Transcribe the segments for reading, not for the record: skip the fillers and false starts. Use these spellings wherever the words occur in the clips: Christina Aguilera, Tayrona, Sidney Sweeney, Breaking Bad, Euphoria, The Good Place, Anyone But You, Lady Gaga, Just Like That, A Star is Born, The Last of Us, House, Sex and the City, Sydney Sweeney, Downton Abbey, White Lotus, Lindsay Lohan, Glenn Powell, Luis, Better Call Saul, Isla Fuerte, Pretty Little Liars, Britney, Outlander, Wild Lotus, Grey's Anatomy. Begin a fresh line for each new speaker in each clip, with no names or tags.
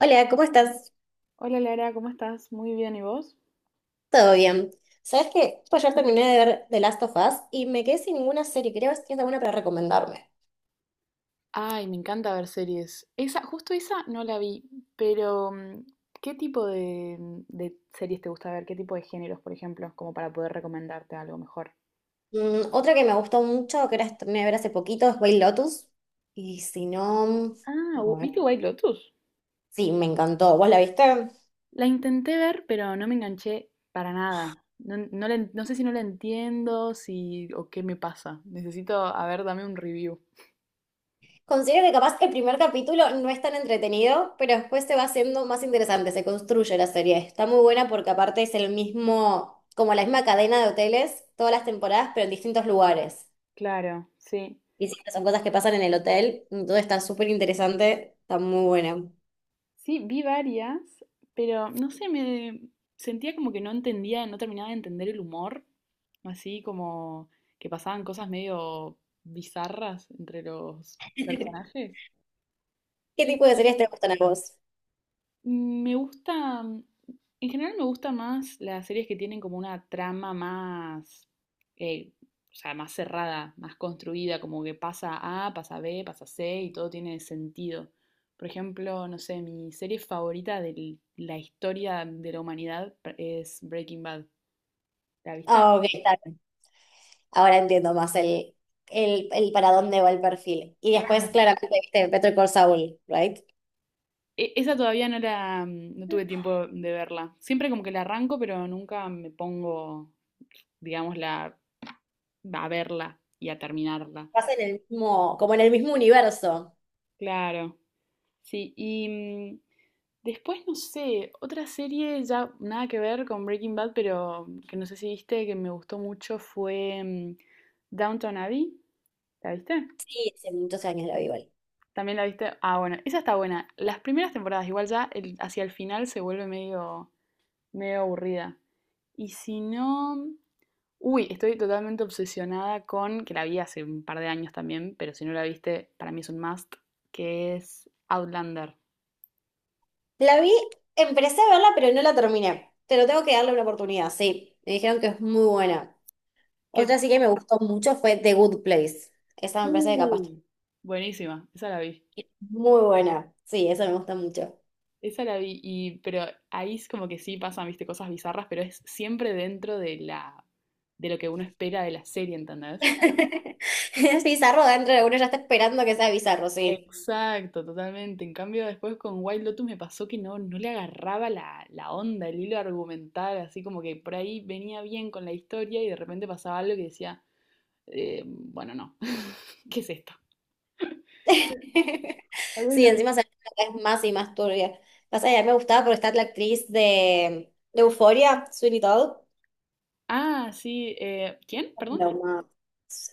Hola, ¿cómo estás?
Hola Lara, ¿cómo estás? Muy bien, ¿y vos?
¿Todo bien? ¿Sabes qué? Pues ayer terminé de ver The Last of Us y me quedé sin ninguna serie. Creo que tienes alguna para recomendarme.
Ay, me encanta ver series. Esa, justo esa no la vi, pero ¿qué tipo de series te gusta ver? ¿Qué tipo de géneros, por ejemplo? Como para poder recomendarte algo mejor.
Otra que me gustó mucho, que era, terminé de ver hace poquito, es White Lotus. Y si no.
Ah,
A ver.
¿Viste White Lotus?
Sí, me encantó. ¿Vos la viste?
La intenté ver, pero no me enganché para nada. No, no sé si no la entiendo, si o qué me pasa. Necesito, a ver, dame un review.
Considero que capaz el primer capítulo no es tan entretenido, pero después se va haciendo más interesante, se construye la serie. Está muy buena porque aparte es el mismo, como la misma cadena de hoteles, todas las temporadas, pero en distintos lugares.
Claro, sí.
Y sí, son cosas que pasan en el hotel, entonces está súper interesante, está muy buena.
Sí, vi varias, pero no sé, me sentía como que no entendía, no terminaba de entender el humor, así como que pasaban cosas medio bizarras entre los personajes.
¿Qué
Yo
tipo de series te gustan a vos?
Mm, Me gusta, mm, en general me gusta más las series que tienen como una trama más, eh, o sea, más cerrada, más construida, como que pasa A, pasa B, pasa C y todo tiene sentido. Por ejemplo, no sé, mi serie favorita de la historia de la humanidad es Breaking Bad. ¿La viste?
Ah, ok, está bien. Ahora entiendo más el, para dónde va el perfil. Y después,
Claro.
claramente, viste Better Call Saul, ¿right?
Esa todavía no tuve tiempo de verla. Siempre como que la arranco, pero nunca me pongo, digamos, a verla y a terminarla.
Pasa en el mismo, como en el mismo universo.
Claro. Sí, y después no sé, otra serie ya nada que ver con Breaking Bad, pero que no sé si viste, que me gustó mucho fue Downton Abbey. ¿La viste?
Sí, hace muchos años la vi igual.
¿También la viste? Ah, bueno, esa está buena. Las primeras temporadas, igual ya hacia el final se vuelve medio medio aburrida. Y si no... Uy, estoy totalmente obsesionada con, que la vi hace un par de años también, pero si no la viste, para mí es un must, que es Outlander.
La vi, empecé a verla, pero no la terminé. Pero tengo que darle una oportunidad, sí. Me dijeron que es muy buena. Otra
Que...
sí que me gustó mucho fue The Good Place. Esa me parece que capaz.
Uy, buenísima, esa la vi.
Muy buena. Sí, eso me gusta mucho.
Esa la vi, pero ahí es como que sí pasan, viste, cosas bizarras, pero es siempre dentro de de lo que uno espera de la serie, ¿entendés?
Es bizarro dentro de uno, ya está esperando que sea bizarro, sí.
Exacto, totalmente. En cambio, después con Wild Lotus me pasó que no le agarraba la onda, el hilo argumental, así como que por ahí venía bien con la historia y de repente pasaba algo que decía, bueno, no, ¿qué es esto? Tal vez
Sí, encima se es más y más turbia. Pasa que a mí me gustaba porque está la actriz de Euphoria, Sweeney Todd.
Ah, sí, ¿quién? Perdón.
No, no,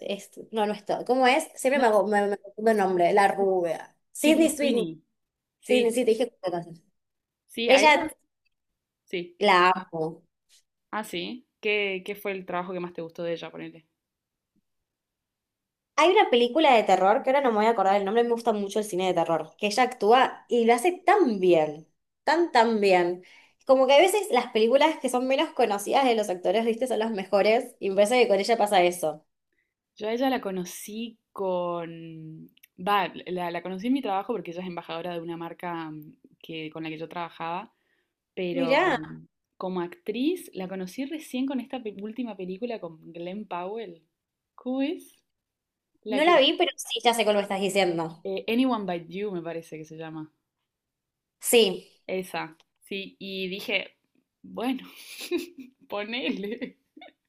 no, no es Todd. ¿Cómo es? Siempre me,
Nancy-
hago- me, me confundo el nombre, la rubia.
Sydney
Sidney Sweeney.
Sweeney.
Sidney,
Sí,
sí, te dije cuántas cosas.
sí, a
Ella
ella. Sí.
la amo.
Ah, sí. ¿Qué fue el trabajo que más te gustó de ella, ponele?
Hay una película de terror, que ahora no me voy a acordar el nombre, me gusta mucho el cine de terror, que ella actúa y lo hace tan bien, tan, tan bien. Como que a veces las películas que son menos conocidas de los actores, viste, son las mejores, y me parece que con ella pasa eso.
Yo a ella la conocí con... Va, la conocí en mi trabajo porque ella es embajadora de una marca con la que yo trabajaba, pero
Mirá,
como actriz la conocí recién con esta última película con Glenn Powell. ¿Cómo es? La
no la
que...
vi, pero sí, ya sé cómo me estás diciendo.
Anyone But You me parece que se llama.
Sí,
Esa, sí. Y dije, bueno, ponele.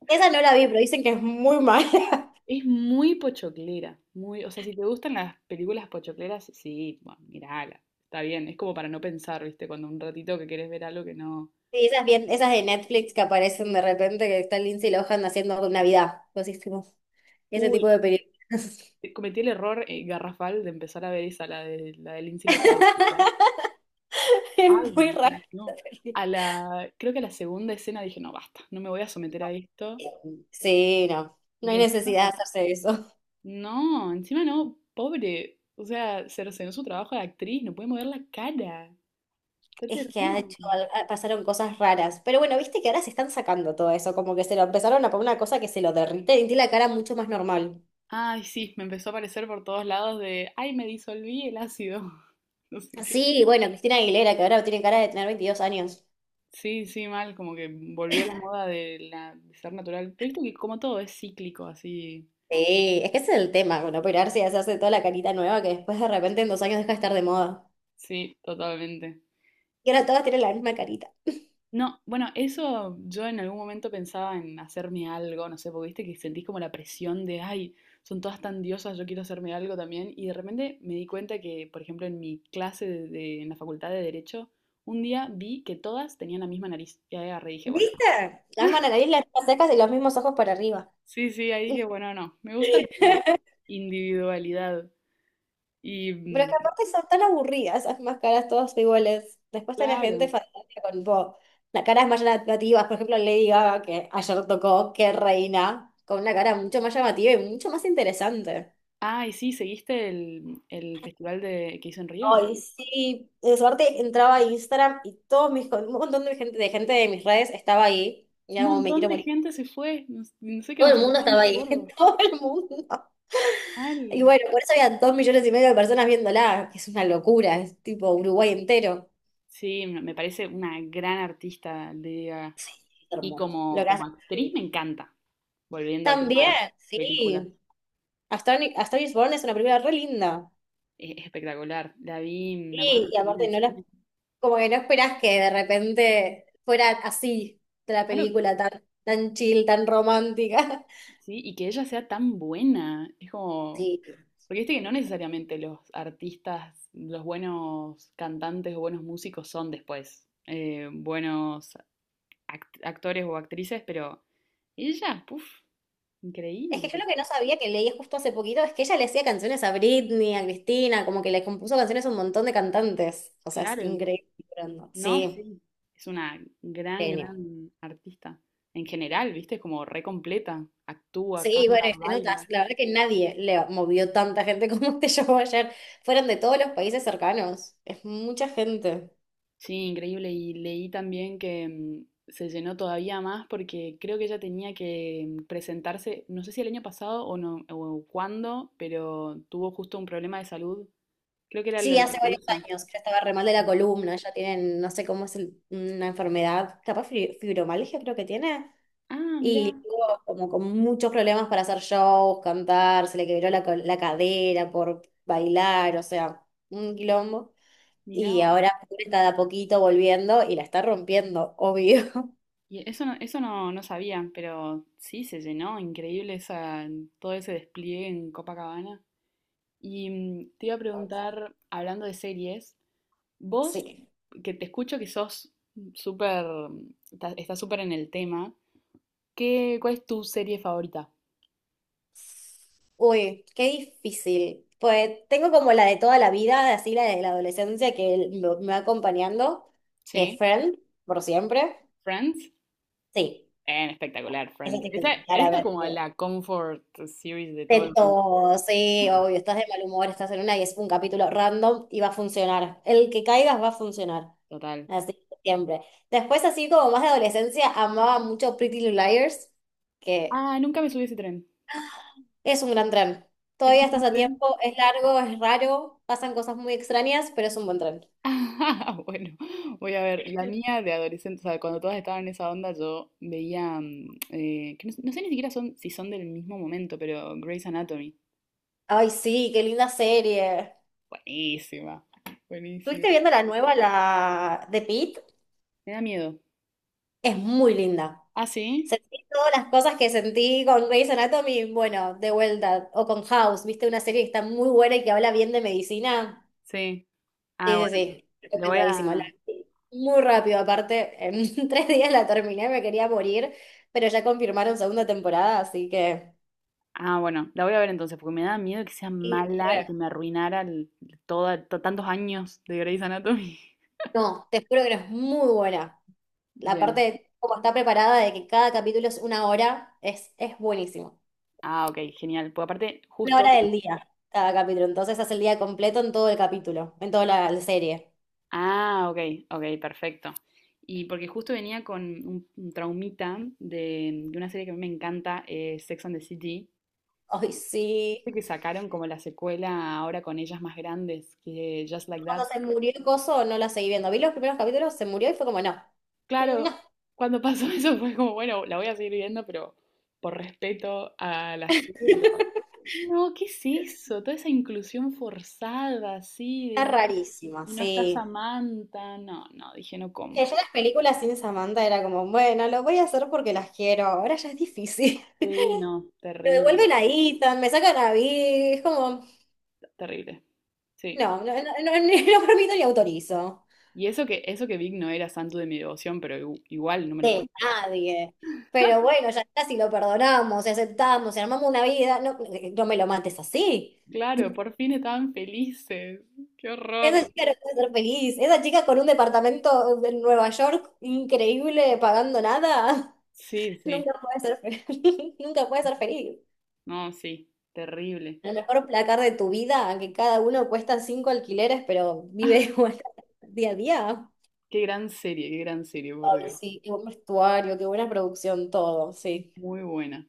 esa no la vi, pero dicen que es muy mala.
Es muy pochoclera, o sea, si te gustan las películas pochocleras, sí, bueno, mirala, está bien, es como para no pensar, ¿viste? Cuando un ratito que querés ver algo que no...
Sí, esas bien, esas de Netflix que aparecen de repente, que está Lindsay Lohan haciendo Navidad, cosas así, como ese tipo
Uy,
de películas.
cometí el error garrafal de empezar a ver esa, la de Lindsay Lohan. ¿Verdad?
Es
Ay,
muy raro.
no. Creo que a la segunda escena dije, no, basta, no me voy a someter a esto,
Sí, no, no hay
porque
necesidad de hacerse eso.
no, encima no, pobre, o sea, cercenó su trabajo de actriz, no puede mover la cara, está
Es que ha
terrible.
hecho, pasaron cosas raras. Pero bueno, viste que ahora se están sacando todo eso, como que se lo empezaron a poner una cosa que se lo derrite y tiene la cara mucho más normal.
Ay, sí, me empezó a aparecer por todos lados de, ay, me disolví el ácido. No sé qué.
Sí, bueno, Cristina Aguilera, que ahora tiene cara de tener 22 años.
Sí, sí, mal, como que volvió la moda de ser natural. Pero viste que como todo es cíclico, así.
Sí, es que ese es el tema, con operarse y hacerse toda la carita nueva que después de repente en 2 años deja de estar de moda.
Sí, totalmente.
Y ahora todas tienen la misma carita.
No, bueno, eso yo en algún momento pensaba en hacerme algo, no sé, porque viste que sentís como la presión de, ay, son todas tan diosas, yo quiero hacerme algo también. Y de repente me di cuenta que, por ejemplo, en mi clase en la facultad de Derecho, un día vi que todas tenían la misma nariz. Y ahí agarré y dije, bueno.
¿Viste? Las nariz, las mismas cejas y los mismos ojos para arriba.
Sí, sí, ahí dije, bueno, no, me gusta mi individualidad. Y
Pero es que aparte son tan aburridas esas máscaras todas iguales. Después tenía gente
claro.
fantástica con tipo, las caras más llamativas. Por ejemplo, Lady Gaga, que ayer tocó, que reina, con una cara mucho más llamativa y mucho más interesante.
Ah, y sí, ¿seguiste el festival que hizo en Río?
Ay, sí, de suerte entraba a Instagram y todos un montón de gente de mis redes estaba ahí. Y
Un
era como, me
montón
quiero
de
morir.
gente se fue, no, no sé qué,
Todo
nos
el mundo
pusieron
estaba
de
ahí,
acuerdo.
todo el mundo.
Mal.
Y bueno, por eso había 2,5 millones de personas viéndola, que es una locura, es tipo Uruguay entero.
Sí, me parece una gran artista, Lady Gaga.
Es
Y
hermoso lo
como,
que
como
hace.
actriz me encanta. Volviendo al tema
También,
de películas,
sí. A Star is Born es una película re linda.
es espectacular. La vi, me acuerdo
Sí,
que
y
también en
aparte
el
no la,
cine.
como que no esperás que de repente fuera así de la
Claro,
película tan, tan chill, tan romántica.
sí, y que ella sea tan buena. Es como.
Sí.
Porque viste que no necesariamente los artistas, los buenos cantantes o buenos músicos son después buenos actores o actrices, pero ella, puf,
Es que
increíble.
yo lo que no sabía, que leí justo hace poquito, es que ella le hacía canciones a Britney, a Cristina, como que le compuso canciones a un montón de cantantes. O sea, es
Claro,
increíble.
no,
Sí,
sí. Es una gran,
genio.
gran artista. En general, viste, es como re completa. Actúa,
Sí,
canta,
bueno, y te notas,
baila.
la verdad que nadie le movió tanta gente como este show ayer. Fueron de todos los países cercanos. Es mucha gente.
Sí, increíble. Y leí también que se llenó todavía más porque creo que ella tenía que presentarse, no sé si el año pasado o no, o cuándo, pero tuvo justo un problema de salud. Creo que era lo
Sí,
de la
hace varios
palusa.
años que estaba re mal de la columna, ya tienen, no sé cómo es una enfermedad, capaz fibromialgia creo que tiene.
Ah,
Y
mira,
estuvo como con muchos problemas para hacer shows, cantar, se le quebró la cadera por bailar, o sea, un quilombo.
mira.
Y ahora está de a poquito volviendo y la está rompiendo, obvio.
Y eso no, no sabía, pero sí se llenó, increíble esa, todo ese despliegue en Copacabana. Y te iba a preguntar, hablando de series, Vos,
Sí.
que te escucho que sos súper, estás súper en el tema, ¿ cuál es tu serie favorita?
Uy, qué difícil. Pues tengo como la de toda la vida, así la de la adolescencia que me va acompañando, que es
¿Sí?
Friend, por siempre.
¿Friends?
Sí,
Espectacular,
eso
Friends.
te queda
Esa,
para
esa es
ver.
como la comfort series de todo
De
el mundo,
todo, sí, obvio, estás de mal humor, estás en una y es un capítulo random y va a funcionar. El que caigas va a funcionar.
total.
Así que siempre. Después, así como más de adolescencia, amaba mucho Pretty Little Liars, que
Ah, nunca me subí a ese tren.
es un gran tren.
¿Ese
Todavía
¿Es
estás
un
a
tren?
tiempo, es largo, es raro, pasan cosas muy extrañas, pero es un buen tren.
Ah, bueno, voy a ver. La mía de adolescente, o sea, cuando todas estaban en esa onda, yo veía, que no, no sé ni siquiera si son del mismo momento, pero Grey's Anatomy.
Ay, sí, qué linda serie.
Buenísima, buenísima.
¿Estuviste viendo la nueva, la de Pete?
Me da miedo.
Es muy linda.
Ah, sí,
Sentí todas las cosas que sentí con Grey's Anatomy, bueno, de vuelta, o con House, ¿viste? Una serie que está muy buena y que habla bien de medicina.
sí. Ah,
Sí, sí,
bueno,
sí,
le voy
recomendadísima. La
a.
vi muy rápido, aparte, en 3 días la terminé, me quería morir, pero ya confirmaron segunda temporada, así que,
Ah, bueno, la voy a ver entonces, porque me da miedo que sea
y
mala y
re.
que me arruinara tantos años de Grey's Anatomy.
No, te juro que no es muy buena. La parte
Bien.
de cómo está preparada, de que cada capítulo es una hora, es buenísimo.
Ah, ok, genial. Porque aparte,
Una
justo.
hora del día, cada capítulo. Entonces hace el día completo en todo el capítulo, en toda la serie.
Ah, ok, ok, perfecto. Y porque justo venía con un traumita de una serie que a mí me encanta, Sex and the City,
Ay, sí.
que sacaron como la secuela ahora con ellas más grandes, que Just Like That.
Cuando se murió el coso, no la seguí viendo. Vi los primeros capítulos, se murió y fue como, no.
Claro,
No.
cuando pasó eso fue como, bueno, la voy a seguir viendo, pero por respeto a la serie, pero no, ¿qué es eso? Toda esa inclusión forzada, así, de
Está rarísima,
y no está
sí.
Samantha, no, no, dije no
Que
compro.
yo las películas sin Samantha era como, bueno, lo voy a hacer porque las quiero, ahora ya es difícil.
Sí, no,
Me
terrible,
devuelven a Ethan, me sacan a Big, es como,
terrible. Sí.
no, no, no, no, no permito ni autorizo.
Y eso que Vic no era santo de mi devoción, pero igual no me lo puedo.
De nadie. Pero bueno, ya está, si lo perdonamos, si aceptamos, si armamos una vida, no, no me lo mates así.
Claro, por fin estaban felices. Qué
Esa
horror.
chica no puede ser feliz, esa chica con un departamento en Nueva York increíble, pagando nada,
Sí, sí.
nunca puede ser feliz. Nunca puede ser feliz.
No, sí. Terrible.
A lo mejor placar de tu vida, que cada uno cuesta cinco alquileres, pero vive igual día a día.
Qué gran serie, por
Ay,
Dios.
sí, qué buen vestuario, qué buena producción, todo, sí.
Muy buena.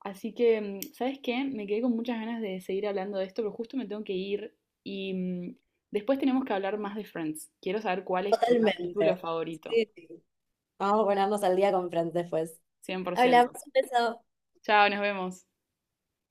Así que, ¿sabes qué? Me quedé con muchas ganas de seguir hablando de esto, pero justo me tengo que ir y después tenemos que hablar más de Friends. Quiero saber cuál es tu capítulo
Totalmente.
favorito.
Sí, sí. Vamos a ponernos al día con Fran después.
cien por
Hablamos
ciento
de eso.
Chao, nos vemos.